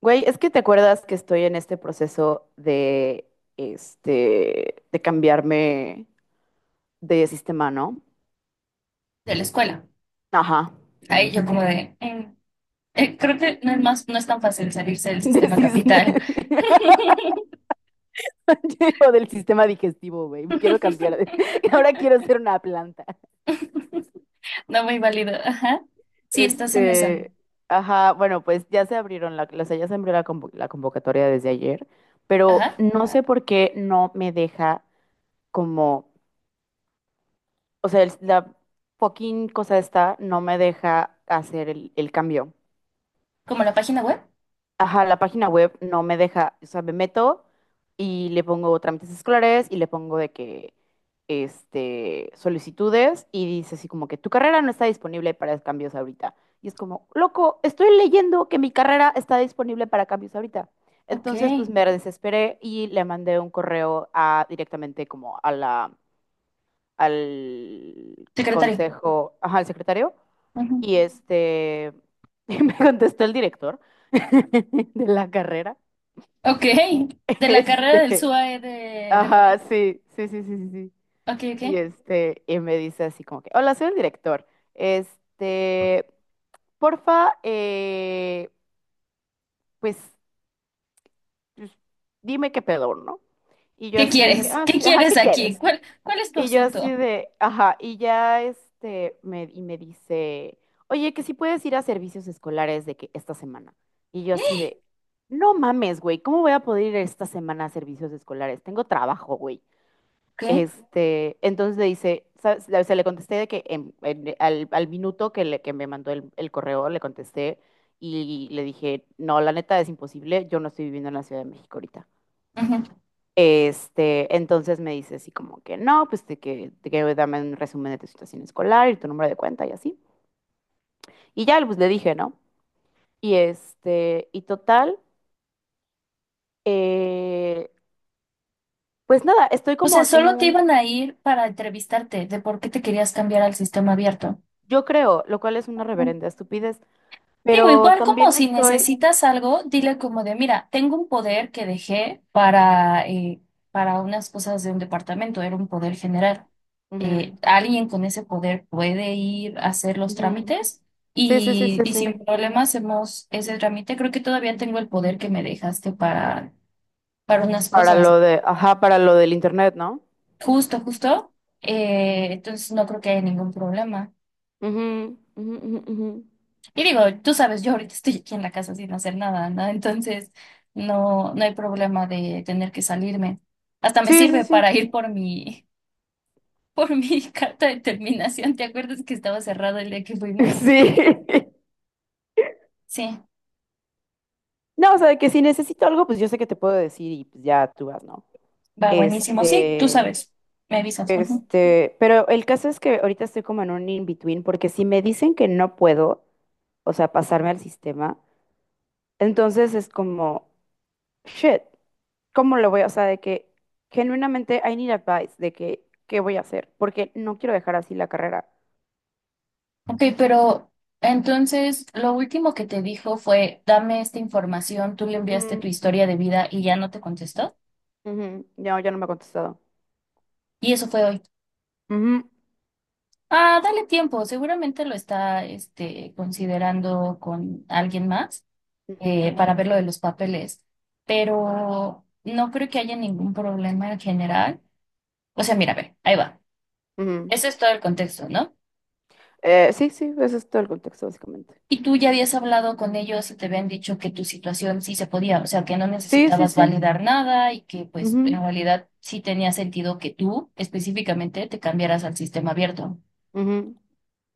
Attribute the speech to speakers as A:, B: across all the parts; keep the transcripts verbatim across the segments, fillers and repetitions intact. A: Güey, es que te acuerdas que estoy en este proceso de, este, de cambiarme de sistema, ¿no?
B: De la escuela.
A: Ajá.
B: Ahí yo como de, eh, eh, creo que no es más, no es tan fácil salirse del
A: De
B: sistema
A: sis-
B: capital.
A: o del sistema digestivo, güey. Quiero cambiar de... Ahora quiero ser una planta.
B: No muy válido. Ajá. Sí, estás en esa.
A: Este, ajá, bueno, pues ya se abrieron la, o sea, ya se abrió la, convo- la convocatoria desde ayer, pero
B: Ajá.
A: no sé por qué no me deja como, o sea, el- la fucking cosa esta no me deja hacer el, el cambio.
B: Como la página web.
A: Ajá, la página web no me deja, o sea, me meto y le pongo trámites escolares y le pongo de que, este, solicitudes y dice así como que tu carrera no está disponible para cambios ahorita. Y es como, loco, estoy leyendo que mi carrera está disponible para cambios ahorita.
B: Ok.
A: Entonces, pues me desesperé y le mandé un correo a, directamente como a la, al
B: Secretario.
A: consejo, ajá, al secretario
B: Ujú.
A: y este, y me contestó el director de la carrera.
B: Ok. De la carrera del
A: Este,
B: SUAE de, de
A: ajá,
B: Moderna.
A: sí, sí, sí, sí, sí. Sí.
B: Ok,
A: Y
B: ok.
A: este, y me dice así como que, hola, soy el director. Este, porfa, eh, pues, pues, dime qué pedo, ¿no? Y yo
B: ¿Qué
A: así de que,
B: quieres?
A: ah,
B: ¿Qué
A: sí, ajá,
B: quieres
A: ¿qué
B: aquí?
A: quieres?
B: ¿Cuál, cuál es tu
A: Y yo así
B: asunto?
A: de, ajá, y ya este, me, y me dice, oye, que si puedes ir a servicios escolares de que esta semana. Y yo así de, no mames, güey, ¿cómo voy a poder ir esta semana a servicios escolares? Tengo trabajo, güey.
B: Ok.
A: Este, entonces le dice, ¿sabes? Le- Se le contesté de que en- en- al, al minuto que, le, que me mandó el, el correo, le contesté y le dije, no, la neta es imposible, yo no estoy viviendo en la Ciudad de México ahorita.
B: Ujú.
A: Este, entonces me dice así como que no, pues de que, de que dame un resumen de tu situación escolar y tu número de cuenta y así. Y ya, pues le dije, ¿no? Y este, y total, eh, pues nada, estoy
B: O sea,
A: como en
B: solo te iban
A: un,
B: a ir para entrevistarte de por qué te querías cambiar al sistema abierto.
A: yo creo, lo cual es una reverenda estupidez,
B: Digo,
A: pero
B: igual como
A: también
B: si
A: estoy,
B: necesitas algo, dile como de, mira, tengo un poder que dejé para, eh, para unas cosas de un departamento, era un poder general. Eh,
A: ujú,
B: alguien con ese poder puede ir a hacer los
A: ujú.
B: trámites
A: Sí, sí, sí,
B: y,
A: sí,
B: y
A: sí.
B: sin problemas hacemos ese trámite. Creo que todavía tengo el poder que me dejaste para, para unas
A: Para
B: cosas.
A: lo de, ajá, para lo del internet, ¿no?
B: Justo, justo. Eh, entonces no creo que haya ningún problema.
A: Ujú, ujú, ujú, ujú.
B: Y digo, tú sabes, yo ahorita estoy aquí en la casa sin hacer nada, ¿no? Entonces, no, no hay problema de tener que salirme. Hasta me
A: Sí, sí,
B: sirve
A: sí.
B: para ir por mi, por mi carta de terminación. ¿Te acuerdas que estaba cerrado el día que fuimos?
A: Sí.
B: Sí,
A: No, o sea, de que si necesito algo, pues yo sé que te puedo decir y pues ya tú vas, ¿no?
B: va buenísimo. Sí, tú
A: Este,
B: sabes, me avisas. Ujú.
A: este, pero el caso es que ahorita estoy como en un in-between, porque si me dicen que no puedo, o sea, pasarme al sistema, entonces es como, shit, ¿cómo lo voy a, o sea, de que genuinamente I need advice de que, ¿qué voy a hacer? Porque no quiero dejar así la carrera.
B: Ok, pero entonces lo último que te dijo fue, dame esta información, tú le enviaste
A: Ujú,
B: tu historia de vida y ya no te contestó.
A: ujú, no, ya no me ha contestado.
B: Y eso fue hoy.
A: Ujú,
B: Ah, dale tiempo, seguramente lo está este, considerando con alguien más, eh,
A: ujú,
B: para ver lo de los papeles, pero no creo que haya ningún problema en general. O sea, mira, a ver, ahí va.
A: ujú.
B: Ese es todo el contexto, ¿no?
A: Eh, sí, sí, ese es todo el contexto, básicamente.
B: Y tú ya habías hablado con ellos y te habían dicho que tu situación sí se podía, o sea, que no
A: Sí, sí,
B: necesitabas
A: sí.
B: validar nada y que pues en
A: Ujú,
B: realidad sí tenía sentido que tú específicamente te cambiaras al sistema abierto.
A: ujú.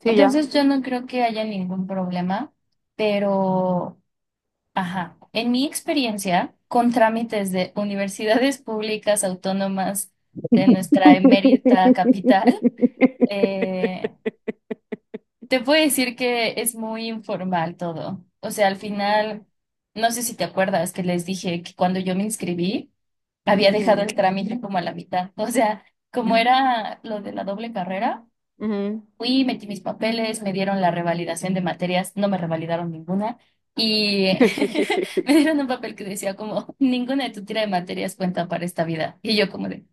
A: Sí, ya.
B: Entonces yo no creo que haya ningún problema, pero... Ajá. En mi experiencia, con trámites de universidades públicas autónomas de nuestra emérita capital, eh, te puedo decir que es muy informal todo. O sea, al final, no sé si te acuerdas que les dije que cuando yo me inscribí, había
A: Ujú,
B: dejado
A: ujú,
B: el trámite como a la mitad. O sea, como era lo de la doble carrera.
A: ujú.
B: Fui, metí mis papeles, me dieron la revalidación de materias, no me revalidaron ninguna y me dieron un papel que decía como, ninguna de tu tira de materias cuenta para esta vida. Y yo como de,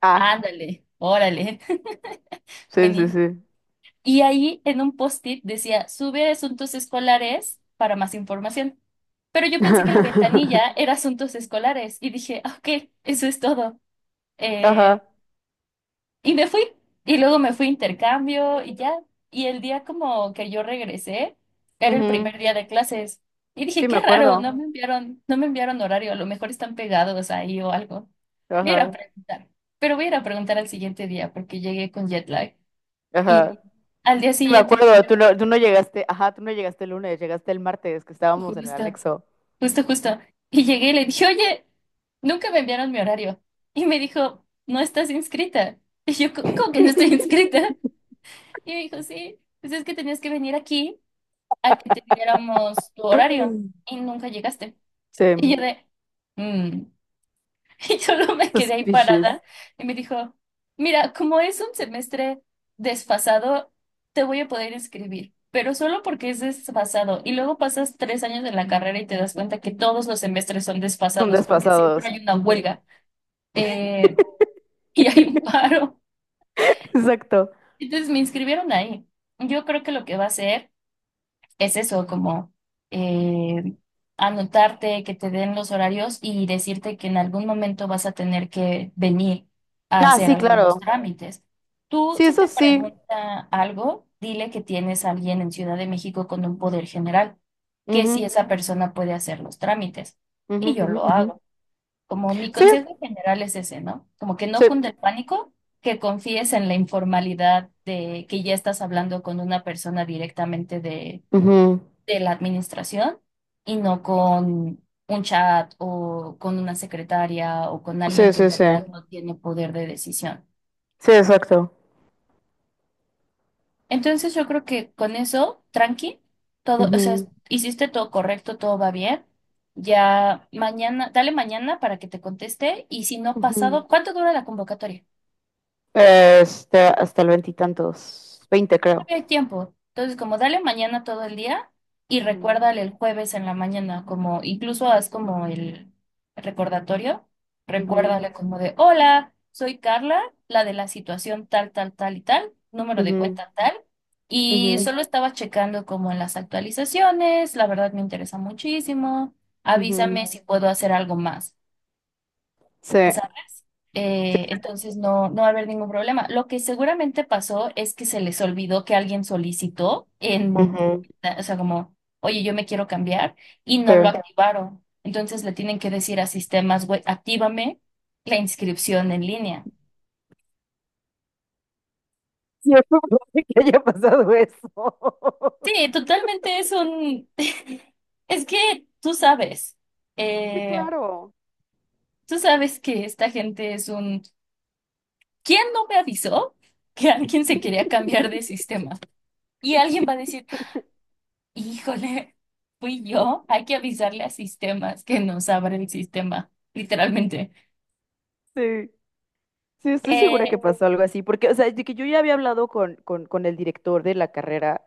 A: Ah,
B: ándale, órale,
A: sí, sí,
B: buenísimo.
A: sí.
B: Y ahí en un post-it decía, sube asuntos escolares para más información. Pero yo pensé que la ventanilla era asuntos escolares y dije, "Ah, ok, eso es todo". Eh,
A: Ajá.
B: Y me fui. Y luego me fui a intercambio y ya. Y el día como que yo regresé, era el
A: Ujú.
B: primer día de clases. Y dije,
A: Sí, me
B: qué raro, no
A: acuerdo.
B: me enviaron, no me enviaron horario, a lo mejor están pegados ahí o algo. Voy a ir a
A: Ajá.
B: preguntar. Pero voy a ir a preguntar al siguiente día porque llegué con jet lag. Y
A: Ajá.
B: al día
A: Sí, me
B: siguiente me
A: acuerdo. Tú
B: dijeron,
A: no, tú no llegaste. Ajá, tú no llegaste el lunes, llegaste el martes, que estábamos en el
B: justo,
A: anexo.
B: justo, justo. Y llegué y le dije, oye, nunca me enviaron mi horario. Y me dijo, no estás inscrita. Y yo, "¿Cómo cómo que no estoy inscrita?". Y me dijo, sí, pues es que tenías que venir aquí a que te diéramos tu horario y nunca llegaste. Y
A: Sí.
B: yo de, "Mm". Y solo me quedé ahí
A: Suspicious.
B: parada y me dijo, mira, como es un semestre desfasado, te voy a poder inscribir, pero solo porque es desfasado. Y luego pasas tres años de la carrera y te das cuenta que todos los semestres son
A: Son
B: desfasados porque siempre
A: desfasados.
B: hay una
A: Ujú.
B: huelga, eh, y hay un paro.
A: Exacto.
B: Entonces me inscribieron ahí. Yo creo que lo que va a hacer es eso, como, eh, anotarte, que te den los horarios y decirte que en algún momento vas a tener que venir a
A: Ah,
B: hacer
A: sí,
B: algunos
A: claro.
B: trámites. Tú,
A: Sí,
B: si
A: eso
B: te
A: sí.
B: pregunta algo, dile que tienes a alguien en Ciudad de México con un poder general, que si
A: Ujú,
B: esa persona puede hacer los trámites.
A: ujú,
B: Y yo
A: ujú,
B: lo
A: ujú.
B: hago. Como mi
A: Sí,
B: consejo general es ese, ¿no? Como que no
A: sí.
B: cunde el pánico, que confíes en la informalidad de que ya estás hablando con una persona directamente de
A: Ujú.
B: de la administración y no con un chat o con una secretaria o con alguien
A: Sí,
B: que en
A: sí, sí.
B: realidad no tiene poder de decisión.
A: Sí, exacto.
B: Entonces yo creo que con eso, tranqui, todo, o sea,
A: Ujú,
B: hiciste todo correcto, todo va bien. Ya mañana, dale mañana para que te conteste y si no
A: ujú.
B: pasado, ¿cuánto dura la convocatoria?
A: Este, hasta el veintitantos. Veinte, creo.
B: El tiempo. Entonces, como dale mañana todo el día y
A: Ujú,
B: recuérdale el jueves en la mañana, como incluso haz como el recordatorio,
A: ujú,
B: recuérdale como de, hola, soy Carla, la de la situación tal, tal, tal y tal, número de
A: ujú,
B: cuenta tal, y
A: ujú,
B: solo estaba checando como en las actualizaciones, la verdad me interesa muchísimo,
A: ujú.
B: avísame si puedo hacer algo más.
A: Sí.
B: O sea,
A: Sí.
B: eh,
A: Sí.
B: entonces no, no va a haber ningún problema. Lo que seguramente pasó es que se les olvidó que alguien solicitó en,
A: Ujú,
B: o sea, como, oye, yo me quiero cambiar y no lo
A: sí.
B: activaron. Entonces le tienen que decir a sistemas web, actívame la inscripción en línea.
A: Sí, es probable que haya pasado eso.
B: Sí, totalmente es un, es que tú sabes,
A: Sí,
B: eh,
A: claro.
B: tú sabes que esta gente es un, ¿quién no me avisó que alguien se quería cambiar de sistema? Y alguien va a decir, híjole, fui yo. Hay que avisarle a sistemas que nos abre el sistema, literalmente.
A: Sí, sí, estoy segura que
B: Eh,
A: pasó algo así, porque, o sea, de que yo ya había hablado con, con, con el director de la carrera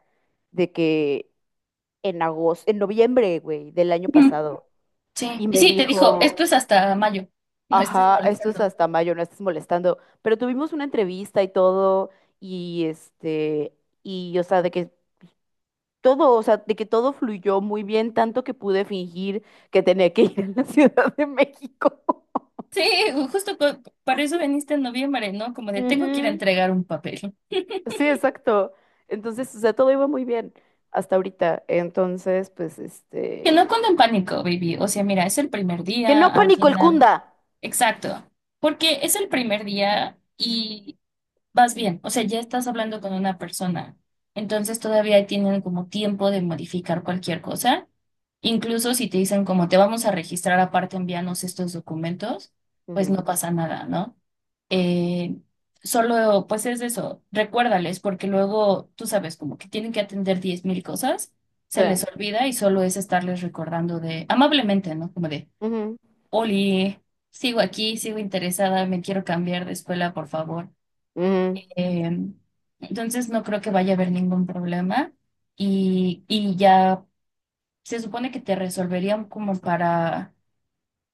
A: de que en agosto, en noviembre, güey, del año
B: ujú,
A: pasado.
B: sí,
A: Y
B: y
A: me
B: sí, te dijo, esto
A: dijo,
B: es hasta mayo. No estés
A: ajá, esto es
B: molestando.
A: hasta mayo, no estés molestando. Pero tuvimos una entrevista y todo, y este, y o sea, de que todo, o sea, de que todo fluyó muy bien, tanto que pude fingir que tenía que ir a la Ciudad de México.
B: Sí, justo co- para eso viniste en noviembre, ¿no? Como de tengo que ir a
A: Ujú.
B: entregar un papel.
A: Sí, exacto. Entonces, o sea, todo iba muy bien hasta ahorita. Entonces, pues,
B: Que no
A: este,
B: cuando en pánico, baby. O sea, mira, es el primer
A: que
B: día,
A: no
B: al
A: pánico el
B: final.
A: cunda.
B: Exacto. Porque es el primer día y vas bien, o sea, ya estás hablando con una persona, entonces todavía tienen como tiempo de modificar cualquier cosa, incluso si te dicen como te vamos a registrar aparte, envíanos estos documentos, pues no
A: Ujú.
B: pasa nada, ¿no? Eh, solo, pues es eso, recuérdales, porque luego, tú sabes, como que tienen que atender diez mil cosas,
A: Sí.
B: se les olvida y solo es estarles recordando de, amablemente, ¿no? Como de,
A: Ujú.
B: Oli, sigo aquí, sigo interesada, me quiero cambiar de escuela, por favor.
A: Ujú.
B: Eh, entonces no creo que vaya a haber ningún problema y, y ya se supone que te resolverían como para,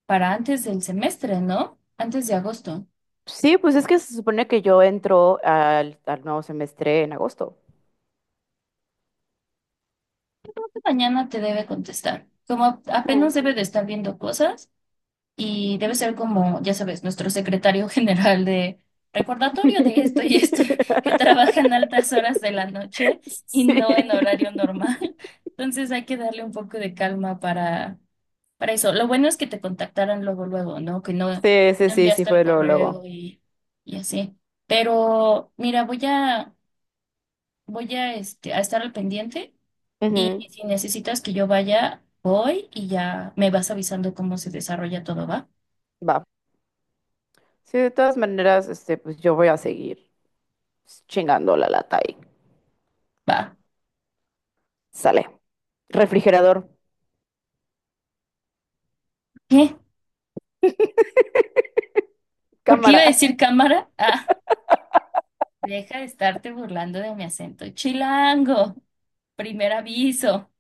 B: para antes del semestre, ¿no? Antes de agosto.
A: Sí, pues es que se supone que yo entro al, al nuevo semestre en agosto.
B: Mañana te debe contestar. Como
A: Ah.
B: apenas debe de estar viendo cosas y debe ser como, ya sabes, nuestro secretario general de recordatorio de esto y esto, que trabaja en altas horas de la noche y
A: Sí.
B: no en horario normal. Entonces hay que darle un poco de calma para Para eso, lo bueno es que te contactaran luego, luego, ¿no? Que no, no
A: Sí, sí, sí, sí
B: enviaste el
A: fue luego,
B: correo
A: luego.
B: y, y así. Pero mira, voy a, voy a, este, a estar al pendiente y
A: Ujú,
B: si necesitas que yo vaya, voy y ya me vas avisando cómo se desarrolla todo, ¿va?
A: va. Sí, de todas maneras, este, pues yo voy a seguir chingando la lata y
B: Va.
A: sale. Refrigerador,
B: ¿Qué? ¿Por qué iba
A: cámara.
B: a decir cámara? Ah, deja de estarte burlando de mi acento. Chilango, primer aviso.